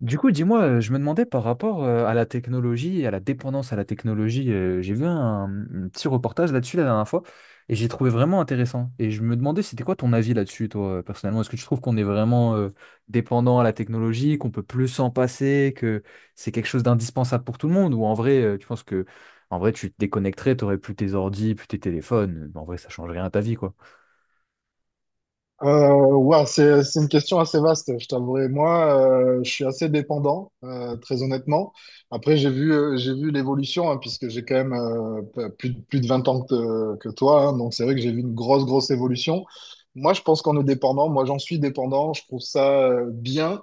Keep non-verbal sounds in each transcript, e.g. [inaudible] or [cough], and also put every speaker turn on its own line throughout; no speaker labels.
Du coup, dis-moi, je me demandais par rapport à la technologie et à la dépendance à la technologie, j'ai vu un petit reportage là-dessus la dernière fois et j'ai trouvé vraiment intéressant. Et je me demandais, c'était quoi ton avis là-dessus, toi, personnellement? Est-ce que tu trouves qu'on est vraiment dépendant à la technologie, qu'on peut plus s'en passer, que c'est quelque chose d'indispensable pour tout le monde? Ou en vrai, tu penses que en vrai, tu te déconnecterais, t'aurais plus tes ordi, plus tes téléphones. En vrai, ça change rien à ta vie, quoi.
Ouais, c'est une question assez vaste, je t'avouerai. Moi, je suis assez dépendant, très honnêtement. Après, j'ai vu l'évolution, hein, puisque j'ai quand même plus de 20 ans que toi, hein. Donc c'est vrai que j'ai vu une grosse, grosse évolution. Moi, je pense qu'on est dépendant. Moi, j'en suis dépendant. Je trouve ça bien.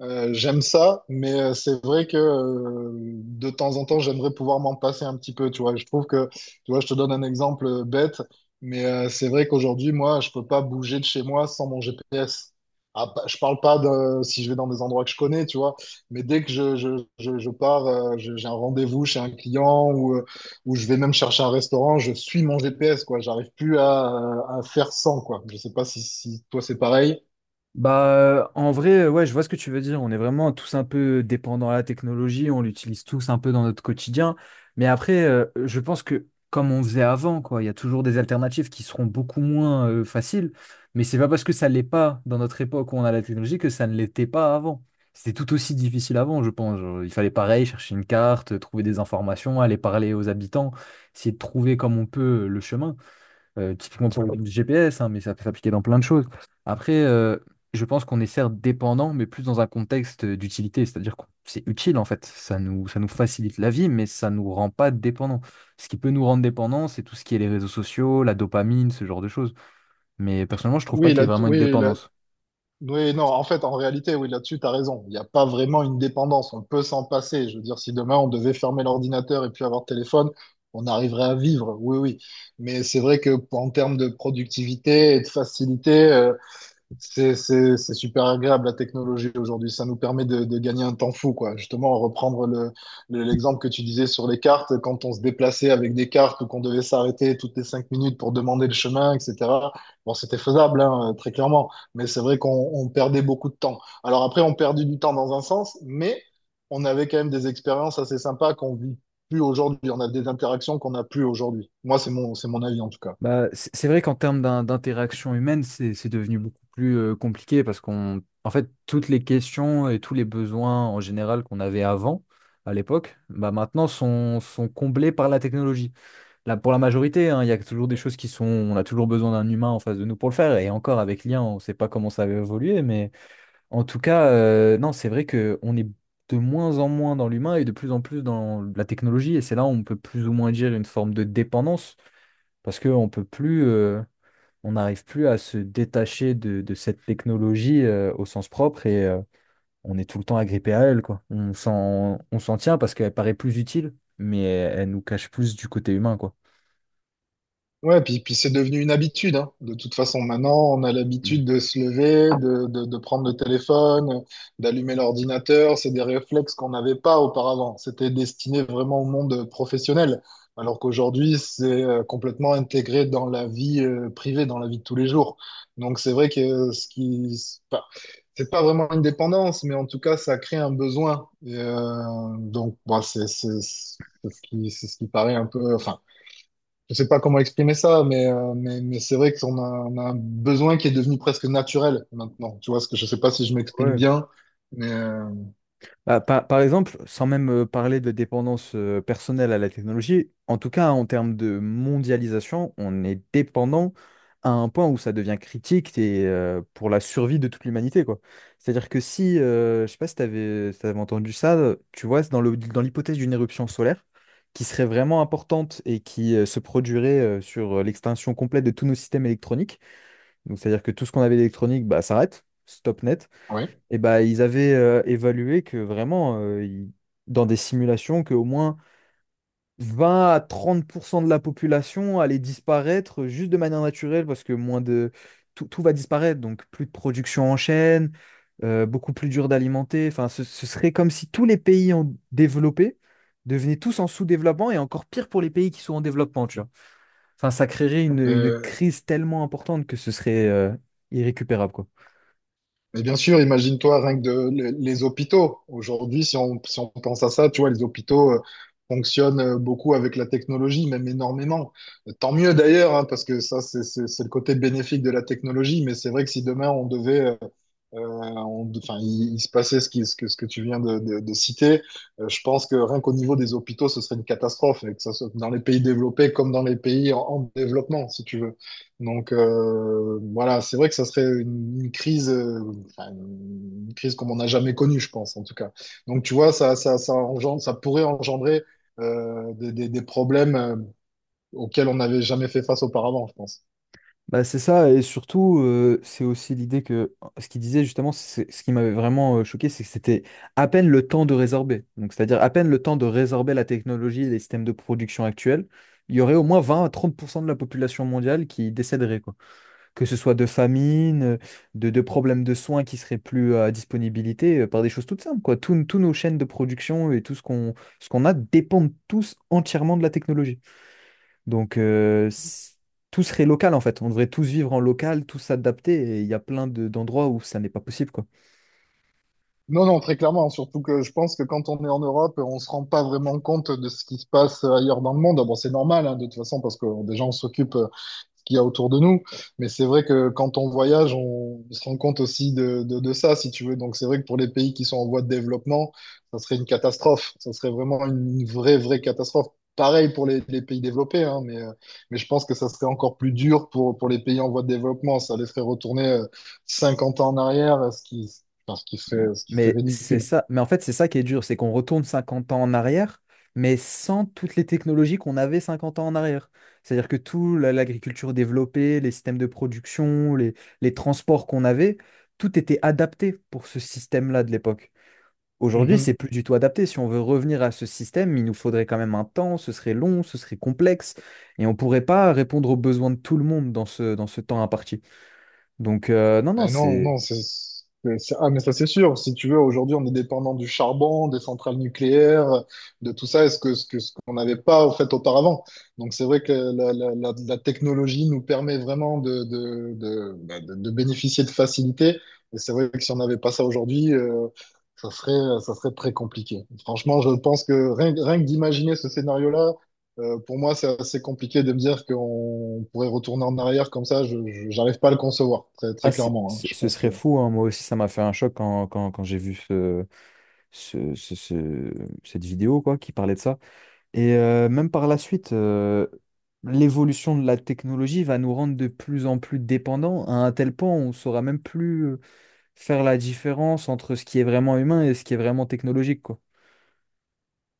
J'aime ça, mais c'est vrai que de temps en temps, j'aimerais pouvoir m'en passer un petit peu. Tu vois, je trouve que, tu vois, je te donne un exemple bête. Mais c'est vrai qu'aujourd'hui, moi, je peux pas bouger de chez moi sans mon GPS. Ah, je parle pas de si je vais dans des endroits que je connais, tu vois. Mais dès que je pars, j'ai un rendez-vous chez un client ou je vais même chercher un restaurant, je suis mon GPS, quoi. J'arrive plus à faire sans, quoi. Je sais pas si toi c'est pareil.
Bah, en vrai, ouais, je vois ce que tu veux dire. On est vraiment tous un peu dépendants à la technologie, on l'utilise tous un peu dans notre quotidien. Mais après, je pense que comme on faisait avant, quoi, il y a toujours des alternatives qui seront beaucoup moins faciles. Mais c'est pas parce que ça l'est pas dans notre époque où on a la technologie que ça ne l'était pas avant. C'était tout aussi difficile avant, je pense. Genre, il fallait pareil, chercher une carte, trouver des informations, aller parler aux habitants, essayer de trouver comme on peut le chemin. Typiquement pour le GPS, hein, mais ça peut s'appliquer dans plein de choses. Après, je pense qu'on est certes dépendant, mais plus dans un contexte d'utilité, c'est-à-dire que c'est utile en fait. Ça nous facilite la vie, mais ça nous rend pas dépendants. Ce qui peut nous rendre dépendants, c'est tout ce qui est les réseaux sociaux, la dopamine, ce genre de choses. Mais personnellement, je trouve pas
Oui,
qu'il y ait
là,
vraiment une
oui, là,
dépendance.
oui, non, en fait, en réalité, oui, là-dessus, tu as raison. Il n'y a pas vraiment une dépendance. On peut s'en passer. Je veux dire, si demain on devait fermer l'ordinateur et puis avoir le téléphone, on arriverait à vivre. Oui, oui. Mais c'est vrai que en termes de productivité et de facilité, c'est super agréable la technologie aujourd'hui. Ça nous permet de gagner un temps fou, quoi. Justement, reprendre l'exemple que tu disais sur les cartes, quand on se déplaçait avec des cartes ou qu'on devait s'arrêter toutes les 5 minutes pour demander le chemin, etc. Bon, c'était faisable, hein, très clairement. Mais c'est vrai qu'on on perdait beaucoup de temps. Alors après, on perdait du temps dans un sens, mais on avait quand même des expériences assez sympas qu'on vit plus aujourd'hui. On a des interactions qu'on n'a plus aujourd'hui. Moi, c'est mon avis en tout cas.
Bah, c'est vrai qu'en termes d'interaction humaine, c'est devenu beaucoup plus compliqué parce qu'on, en fait, toutes les questions et tous les besoins en général qu'on avait avant, à l'époque, bah maintenant sont comblés par la technologie. Là, pour la majorité, hein, il y a toujours des choses qui sont, on a toujours besoin d'un humain en face de nous pour le faire. Et encore avec l'IA, on ne sait pas comment ça va évoluer, mais en tout cas, non, c'est vrai que on est de moins en moins dans l'humain et de plus en plus dans la technologie. Et c'est là où on peut plus ou moins dire une forme de dépendance parce qu'on ne peut plus on n'arrive plus à se détacher de cette technologie au sens propre et on est tout le temps agrippé à elle, quoi. On s'en tient parce qu'elle paraît plus utile, mais elle, elle nous cache plus du côté humain, quoi.
Ouais, puis c'est devenu une habitude, hein. De toute façon, maintenant, on a l'habitude
Mm.
de se lever, de prendre le téléphone, d'allumer l'ordinateur. C'est des réflexes qu'on n'avait pas auparavant. C'était destiné vraiment au monde professionnel, alors qu'aujourd'hui, c'est complètement intégré dans la vie privée, dans la vie de tous les jours. Donc c'est vrai que ce qui, c'est pas vraiment une dépendance, mais en tout cas, ça crée un besoin. Et, donc, bon, c'est ce qui, c'est ce qui paraît un peu, enfin je sais pas comment exprimer ça, mais c'est vrai qu'on a un besoin qui est devenu presque naturel maintenant. Tu vois, ce que je sais pas si je m'exprime
Ouais.
bien, mais
Bah, par exemple, sans même parler de dépendance personnelle à la technologie, en tout cas en termes de mondialisation, on est dépendant à un point où ça devient critique et, pour la survie de toute l'humanité, quoi. C'est-à-dire que si, je sais pas si tu avais, entendu ça, tu vois, c'est dans le, dans l'hypothèse d'une éruption solaire qui serait vraiment importante et qui se produirait sur l'extinction complète de tous nos systèmes électroniques, donc c'est-à-dire que tout ce qu'on avait d'électronique bah, s'arrête, stop net.
ouais.
Et bah, ils avaient évalué que vraiment, dans des simulations, qu'au moins 20 à 30% de la population allait disparaître juste de manière naturelle parce que moins de... Tout va disparaître, donc plus de production en chaîne, beaucoup plus dur d'alimenter. Enfin, ce serait comme si tous les pays en développé devenaient tous en sous-développement et encore pire pour les pays qui sont en développement, tu vois. Enfin, ça créerait une
Euh,
crise tellement importante que ce serait irrécupérable, quoi.
Mais bien sûr, imagine-toi rien que les hôpitaux. Aujourd'hui, si on pense à ça, tu vois, les hôpitaux fonctionnent beaucoup avec la technologie, même énormément. Tant mieux d'ailleurs, hein, parce que ça, c'est le côté bénéfique de la technologie. Mais c'est vrai que si demain, on devait, enfin, il se passait ce, ce que tu viens de citer. Je pense que rien qu'au niveau des hôpitaux, ce serait une catastrophe, et que ça soit dans les pays développés comme dans les pays en développement, si tu veux. Donc voilà, c'est vrai que ça serait une crise, enfin, une crise comme on n'a jamais connue, je pense, en tout cas. Donc, tu vois, ça pourrait engendrer des problèmes auxquels on n'avait jamais fait face auparavant, je pense.
Bah, c'est ça, et surtout, c'est aussi l'idée que ce qu'il disait justement, ce qui m'avait vraiment choqué, c'est que c'était à peine le temps de résorber. Donc, c'est-à-dire à peine le temps de résorber la technologie et les systèmes de production actuels, il y aurait au moins 20 à 30% de la population mondiale qui décéderait, quoi. Que ce soit de famine, de problèmes de soins qui seraient plus à disponibilité, par des choses toutes simples, quoi. Tous nos chaînes de production et tout ce qu'on a dépendent tous entièrement de la technologie. Donc, tout serait local en fait. On devrait tous vivre en local, tous s'adapter. Et il y a d'endroits où ça n'est pas possible, quoi.
Non, non, très clairement, hein. Surtout que je pense que quand on est en Europe, on se rend pas vraiment compte de ce qui se passe ailleurs dans le monde. Ah bon, c'est normal, hein, de toute façon, parce que déjà, on s'occupe de ce qu'il y a autour de nous. Mais c'est vrai que quand on voyage, on se rend compte aussi de ça, si tu veux. Donc, c'est vrai que pour les pays qui sont en voie de développement, ça serait une catastrophe. Ça serait vraiment une vraie, vraie catastrophe. Pareil pour les pays développés, hein, mais je pense que ça serait encore plus dur pour les pays en voie de développement. Ça les ferait retourner 50 ans en arrière, ce qui, parce qu'il fait, ce qui fait
Mais c'est
ridicule.
ça. Mais en fait, c'est ça qui est dur, c'est qu'on retourne cinquante ans en arrière, mais sans toutes les technologies qu'on avait 50 ans en arrière. C'est-à-dire que l'agriculture développée, les systèmes de production, les transports qu'on avait, tout était adapté pour ce système-là de l'époque. Aujourd'hui,
Mhm.
c'est plus du tout adapté. Si on veut revenir à ce système, il nous faudrait quand même un temps, ce serait long, ce serait complexe, et on ne pourrait pas répondre aux besoins de tout le monde dans dans ce temps imparti. Donc, non, non,
Mais non,
c'est,
non, ah, mais ça c'est sûr. Si tu veux, aujourd'hui, on est dépendant du charbon, des centrales nucléaires, de tout ça, est-ce que, ce qu'on n'avait pas au fait auparavant. Donc c'est vrai que la technologie nous permet vraiment de bénéficier de facilité. Et c'est vrai que si on n'avait pas ça aujourd'hui, ça serait très compliqué. Franchement, je pense que rien que d'imaginer ce scénario-là, pour moi, c'est assez compliqué de me dire qu'on pourrait retourner en arrière comme ça. J'arrive pas à le concevoir, très, très
ah, c'est-
clairement, hein.
ce
Je
ce
pense que,
serait fou. Hein. Moi aussi, ça m'a fait un choc quand, quand j'ai vu ce- ce- ce- cette vidéo quoi, qui parlait de ça. Et même par la suite, l'évolution de la technologie va nous rendre de plus en plus dépendants à un tel point où on ne saura même plus faire la différence entre ce qui est vraiment humain et ce qui est vraiment technologique, quoi.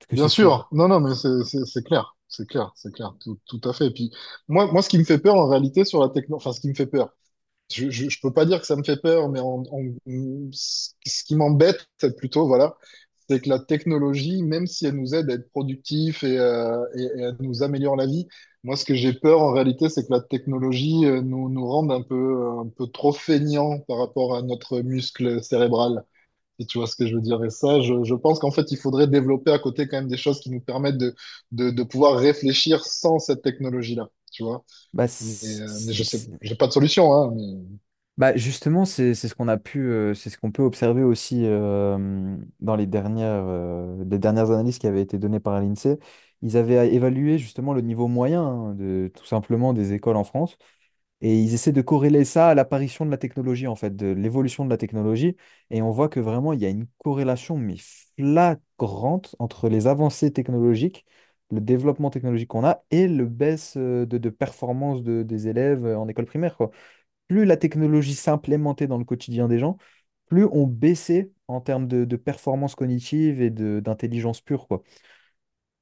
Que
bien
ce soit.
sûr, non, non, mais c'est clair, c'est clair, c'est clair, tout, tout à fait. Et puis, moi, ce qui me fait peur en réalité sur la techno, enfin, ce qui me fait peur. Je peux pas dire que ça me fait peur, mais ce qui m'embête plutôt, voilà, c'est que la technologie, même si elle nous aide à être productifs et elle nous améliore la vie, moi, ce que j'ai peur en réalité, c'est que la technologie nous rende un peu trop feignants par rapport à notre muscle cérébral. Si tu vois ce que je veux dire. Et ça, je pense qu'en fait, il faudrait développer à côté quand même des choses qui nous permettent de pouvoir réfléchir sans cette technologie-là. Tu vois?
Bah, c'est-
Mais je
c'est-
sais,
c'est-
j'ai pas de solution, hein, mais.
bah justement, c'est ce qu'on a pu, c'est ce qu'on peut observer aussi dans les dernières analyses qui avaient été données par l'INSEE. Ils avaient évalué justement le niveau moyen hein, de tout simplement des écoles en France. Et ils essaient de corréler ça à l'apparition de la technologie, en fait, de l'évolution de la technologie. Et on voit que vraiment, il y a une corrélation, mais flagrante, entre les avancées technologiques, le développement technologique qu'on a et le baisse de performance des élèves en école primaire, quoi. Plus la technologie s'implémentait dans le quotidien des gens, plus on baissait en termes de performance cognitive et d'intelligence pure, quoi.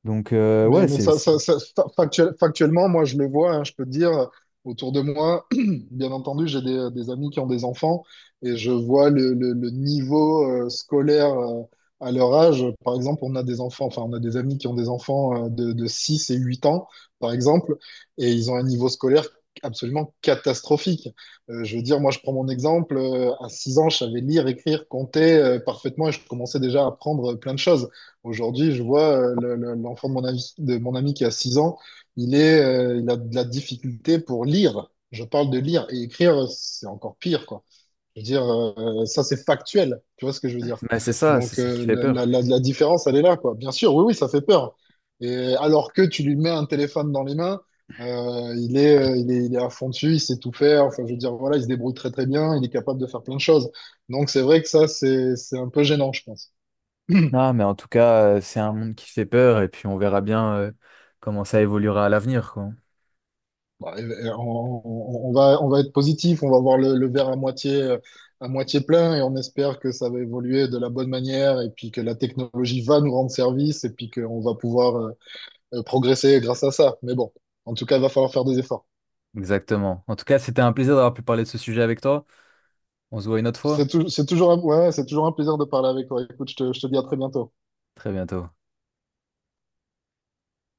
Donc,
Mais,
ouais,
mais ça, factuellement, moi, je le vois, hein, je peux te dire, autour de moi, [clears throat] bien entendu, j'ai des amis qui ont des enfants et je vois le niveau scolaire à leur âge. Par exemple, on a des enfants, enfin, on a des amis qui ont des enfants de 6 et 8 ans, par exemple, et ils ont un niveau scolaire absolument catastrophique. Je veux dire, moi, je prends mon exemple, à 6 ans, je savais lire, écrire, compter parfaitement et je commençais déjà à apprendre plein de choses. Aujourd'hui, je vois l'enfant de mon ami, qui a 6 ans, il a de la difficulté pour lire. Je parle de lire et écrire, c'est encore pire, quoi. Je veux dire, ça, c'est factuel. Tu vois ce que je veux dire?
mais c'est
Donc,
ça qui fait
la, la,
peur.
la- la différence, elle est là, quoi. Bien sûr, oui, oui, ça fait peur. Et alors que tu lui mets un téléphone dans les mains, il est à fond dessus, il sait tout faire. Enfin, je veux dire, voilà, il se débrouille très, très bien, il est capable de faire plein de choses. Donc, c'est vrai que ça, c'est un peu gênant, je pense. [clears throat]
Non, mais en tout cas, c'est un monde qui fait peur et puis on verra bien comment ça évoluera à l'avenir, quoi.
Bah, On va être positif, on va voir le verre à moitié plein et on espère que ça va évoluer de la bonne manière et puis que la technologie va nous rendre service et puis qu'on va pouvoir progresser grâce à ça. Mais bon, en tout cas, il va falloir faire des efforts.
Exactement. En tout cas, c'était un plaisir d'avoir pu parler de ce sujet avec toi. On se voit une autre fois.
C'est tou- c'est toujours un, ouais, c'est toujours un plaisir de parler avec toi. Écoute, je te dis à très bientôt.
Très bientôt.